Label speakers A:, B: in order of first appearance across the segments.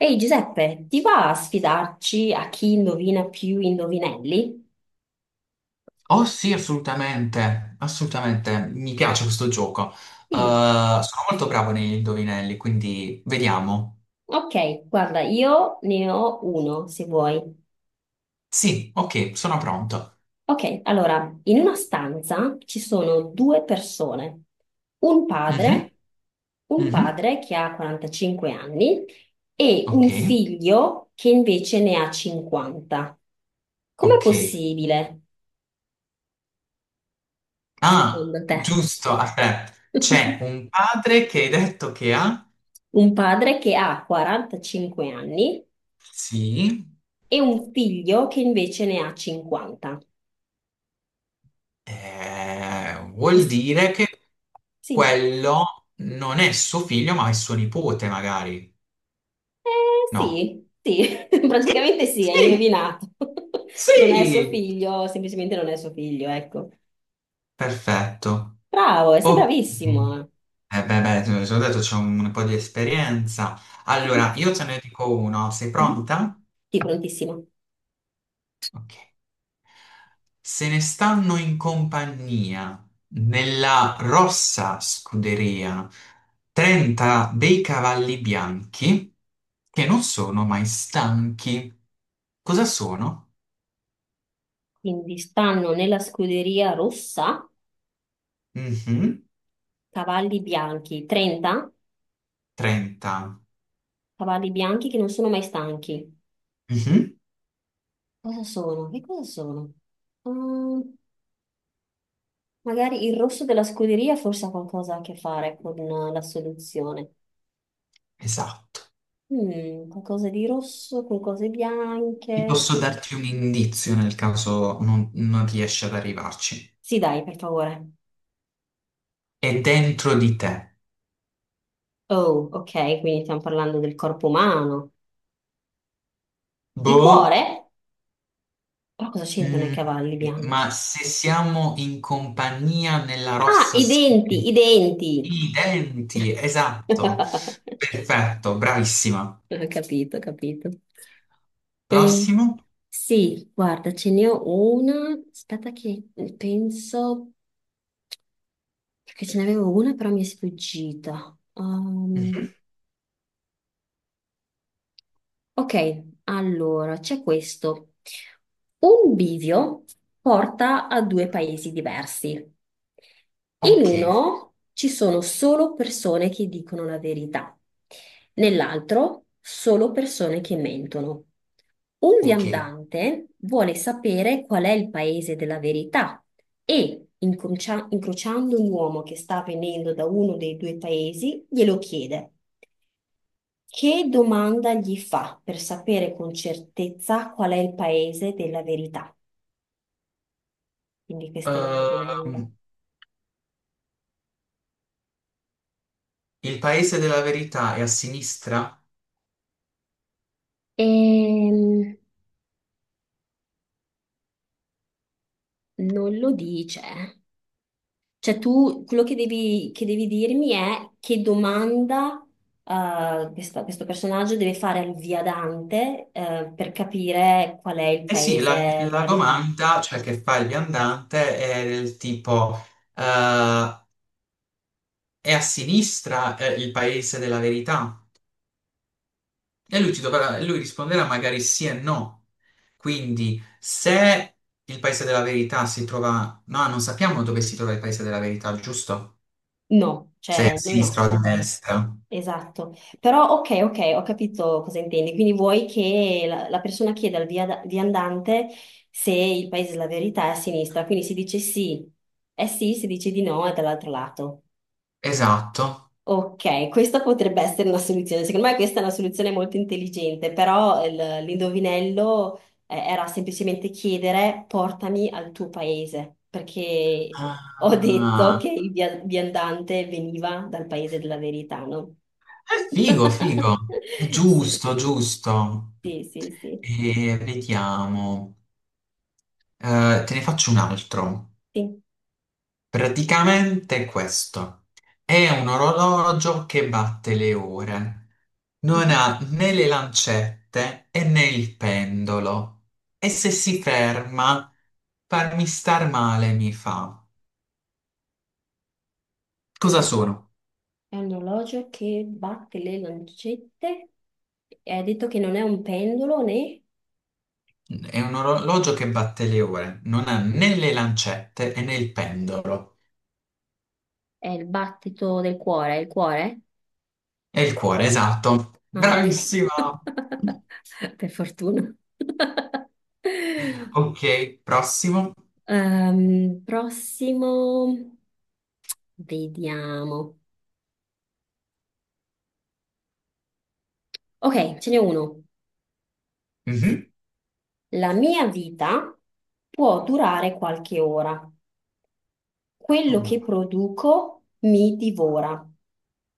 A: Ehi Giuseppe, ti va a sfidarci a chi indovina più indovinelli?
B: Oh sì, assolutamente, assolutamente, mi piace questo gioco.
A: Sì.
B: Sono molto bravo negli indovinelli, quindi vediamo.
A: Ok, guarda, io ne ho uno se vuoi.
B: Sì, ok, sono pronto.
A: Ok, allora, in una stanza ci sono due persone, un
B: Mhm,
A: padre, un
B: mhm,
A: padre che ha 45 anni e
B: ok,
A: un figlio che invece ne ha 50. Com'è
B: ok.
A: possibile,
B: Ah,
A: secondo te?
B: giusto, aspetta, c'è un padre che hai detto che ha?
A: Un padre che ha 45 anni
B: Sì,
A: e un figlio che invece ne ha 50. E
B: vuol
A: s-
B: dire che
A: sì,
B: quello non è suo figlio, ma è suo nipote, magari.
A: eh,
B: No.
A: sì,
B: Sì,
A: praticamente sì, hai
B: sì,
A: indovinato. Non è suo
B: sì,
A: figlio, semplicemente non è suo figlio, ecco.
B: perfetto.
A: Bravo, sei
B: Oh,
A: bravissimo.
B: eh beh, beh, te l'ho già detto, c'ho un po' di esperienza.
A: Mhm,
B: Allora, io te ne dico uno. Sei
A: mhm.
B: pronta?
A: Sì, prontissimo.
B: Ok. Se ne stanno in compagnia nella rossa scuderia 30 dei cavalli bianchi che non sono mai stanchi. Cosa sono?
A: Quindi stanno nella scuderia rossa
B: Mhm,
A: cavalli bianchi, 30
B: 30.
A: cavalli bianchi che non sono mai stanchi.
B: Mhm,
A: Cosa sono? Che cosa sono? Ah, magari il rosso della scuderia forse ha qualcosa a che fare con la soluzione.
B: esatto.
A: Mm, qualcosa di rosso con cose
B: Ti
A: bianche.
B: posso darti un indizio nel caso non riesci ad arrivarci.
A: Sì, dai, per favore.
B: È dentro di te.
A: Oh, ok, quindi stiamo parlando del corpo umano. Il
B: Boh,
A: cuore? Però cosa c'entrano i
B: mm,
A: cavalli bianchi?
B: ma se siamo in compagnia nella
A: Ah,
B: rossa
A: i denti,
B: scuderia,
A: i denti.
B: i denti, esatto. Perfetto, bravissima.
A: Ho capito, ho capito. E
B: Prossimo.
A: sì, guarda, ce n'è una. Aspetta che penso. Perché ce n'avevo una però mi è sfuggita.
B: Mhm.
A: Ok, allora c'è questo. Un bivio porta a due paesi diversi. In
B: Ok,
A: uno ci sono solo persone che dicono la verità, nell'altro solo persone che mentono. Un
B: ok.
A: viandante vuole sapere qual è il paese della verità e, incrociando un uomo che sta venendo da uno dei due paesi, glielo chiede. Che domanda gli fa per sapere con certezza qual è il paese della verità? Quindi questo è l'indovinello.
B: Ehm, il paese della verità è a sinistra?
A: Ehm, non lo dice. Cioè tu, quello che devi dirmi è che domanda questo personaggio deve fare al viadante per capire qual è il
B: Eh sì,
A: paese
B: la
A: della verità.
B: domanda, cioè che fa il viandante, è del tipo... eh, è a sinistra, il paese della verità? E lui, ti dovrà- lui risponderà magari sì e no. Quindi, se il paese della verità si trova... No, non sappiamo dove si trova il paese della verità, giusto?
A: No,
B: Se è a
A: cioè lui
B: sinistra
A: no.
B: o a destra.
A: Esatto, però ok, ok, ho capito cosa intendi. Quindi vuoi che la persona chieda al viandante se il paese della verità è a sinistra, quindi si dice sì, è sì, si dice di no, è dall'altro lato.
B: Esatto.
A: Ok, questa potrebbe essere una soluzione. Secondo me questa è una soluzione molto intelligente, però l'indovinello era semplicemente chiedere portami al tuo paese, perché ho detto
B: Ah,
A: che il viandante veniva dal paese della verità, no?
B: è figo, figo. È
A: Sì,
B: giusto, giusto.
A: sì, sì, sì,
B: E vediamo. Te ne faccio un altro.
A: sì.
B: Praticamente è questo. È un orologio che batte le ore. Non
A: Mhm.
B: ha né le lancette e né il pendolo. E se si ferma, farmi star male mi fa. Cosa
A: Eh,
B: sono?
A: è un orologio che batte le lancette. E hai detto che non è un pendolo né
B: È un orologio che batte le ore. Non ha né le lancette e né il pendolo.
A: è il battito del cuore, è il cuore?
B: E il cuore, esatto.
A: Ah, ok.
B: Bravissima!
A: Per fortuna.
B: Ok, prossimo.
A: Prossimo, vediamo. Ok, ce n'è uno.
B: Mhm.
A: La mia vita può durare qualche ora.
B: Oh
A: Quello che
B: mamma,
A: produco mi divora.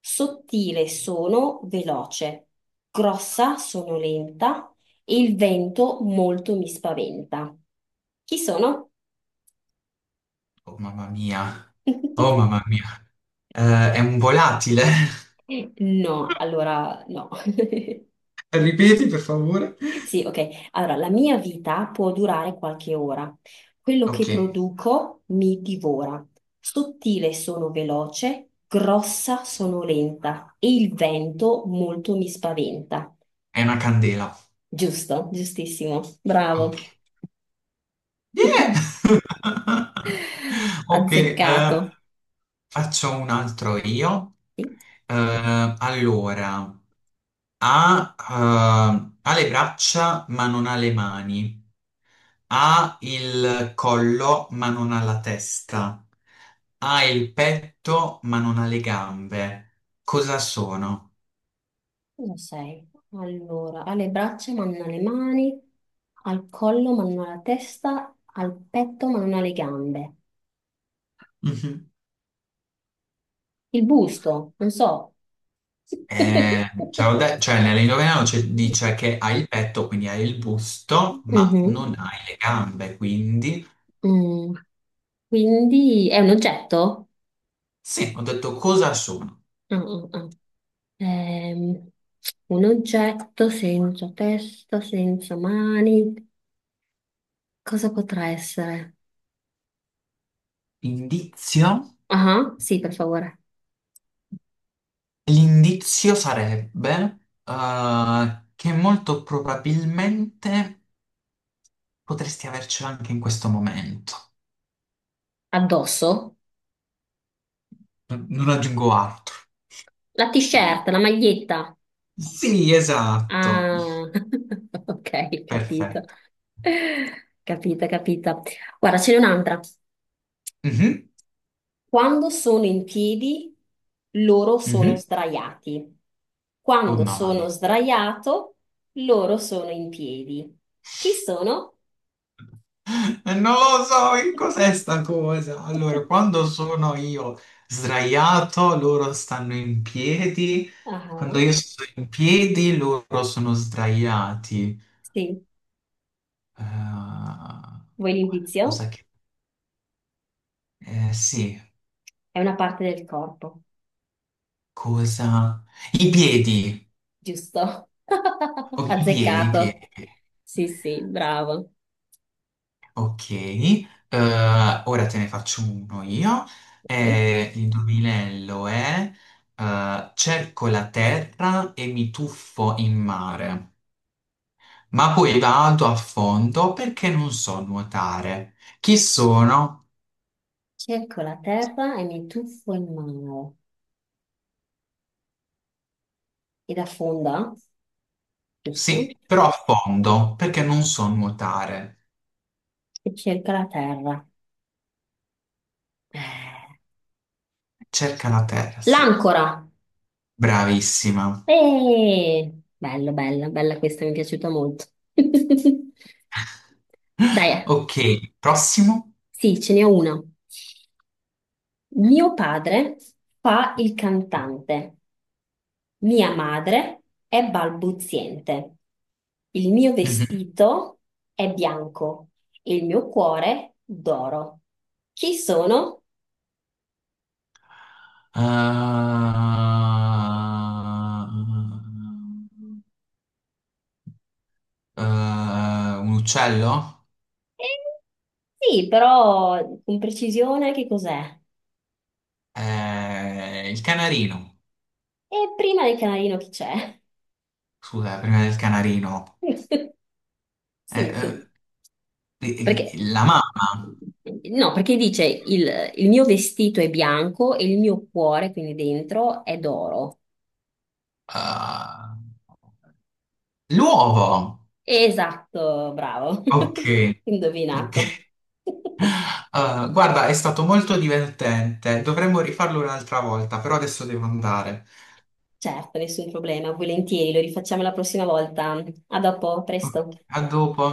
A: Sottile sono veloce, grossa sono lenta e il vento molto mi spaventa. Chi sono?
B: oh mamma mia. Oh mamma mia. È un volatile.
A: No, allora no.
B: Ripeti, per favore.
A: Sì, ok. Allora, la mia vita può durare qualche ora. Quello che
B: Ok,
A: produco mi divora. Sottile sono veloce, grossa sono lenta e il vento molto mi spaventa.
B: è una candela.
A: Giusto, giustissimo, bravo,
B: Ok. Yeah! Ok,
A: azzeccato.
B: faccio un altro io.
A: Sì,
B: Allora, ha le braccia ma non ha le mani. Ha il collo ma non ha la testa. Ha il petto ma non ha le gambe. Cosa sono?
A: cosa sei? Allora, alle braccia ma non alle mani, al collo ma non alla testa, al petto ma non alle gambe. Il busto, non so.
B: Cioè, ho de- cioè, nell'indovinello non c'è- dice che hai il petto, quindi hai il busto, ma
A: Mhm,
B: non hai le gambe, quindi
A: mm. Quindi è un oggetto?
B: sì, ho detto cosa sono?
A: Ah, ah, ah. Ehm, un oggetto senza testa, senza mani. Cosa potrà essere?
B: Indizio?
A: Ah, sì, per favore.
B: L'indizio sarebbe che molto probabilmente potresti avercelo anche in questo momento.
A: Addosso?
B: Non aggiungo altro.
A: La t-shirt, la maglietta.
B: Sì, esatto.
A: Ah, ok, capito.
B: Perfetto.
A: Capita, capita. Guarda, ce n'è un'altra.
B: Mhm,
A: Quando sono in piedi, loro sono
B: mhm.
A: sdraiati.
B: Oh no,
A: Quando
B: mamma
A: sono
B: mia.
A: sdraiato, loro sono in piedi. Chi sono?
B: E non lo so che cos'è sta cosa. Allora, quando sono io sdraiato, loro stanno in piedi.
A: Ah,
B: Quando io sto in piedi, loro sono sdraiati.
A: sì,
B: Eh,
A: vuoi l'indizio?
B: cosa che... sì,
A: È una parte del corpo.
B: cosa... I piedi.
A: Giusto.
B: Oh, i piedi, i
A: Azzeccato.
B: piedi.
A: Sì, sì, bravo.
B: Ok, ora te ne faccio uno io.
A: Ok.
B: L'indovinello è cerco la terra e mi tuffo in mare, ma poi vado a fondo perché non so nuotare. Chi sono?
A: Cerco la terra e mi tuffo in mare. Ed affonda, giusto?
B: Sì, però a fondo perché non so nuotare.
A: E cerca la terra. Eh,
B: Cerca la terra, sì.
A: L'ancora.
B: Bravissima.
A: Eh, bello, bella, bella questa, mi è piaciuta molto. Dai,
B: Ok, prossimo.
A: sì, ce n'è una. Mio padre fa il cantante. Mia madre è balbuziente. Il mio
B: Mhm.
A: vestito è bianco e il mio cuore d'oro. Chi sono?
B: Ah, eh, un uccello?
A: Eh, sì, però con precisione che cos'è?
B: Il canarino.
A: E prima del canarino chi c'è?
B: Scusa, prima del canarino.
A: Sì,
B: Eh, eh,
A: perché
B: la mamma.
A: no, perché dice il mio vestito è bianco e il mio cuore, quindi dentro, è d'oro.
B: Ah, l'uovo.
A: Esatto, bravo.
B: Ok, ok.
A: Indovinato.
B: Ah, guarda, è stato molto divertente. Dovremmo rifarlo un'altra volta, però adesso devo andare.
A: Certo, nessun problema, volentieri, lo rifacciamo la prossima volta. A dopo,
B: Ok,
A: presto.
B: a dopo.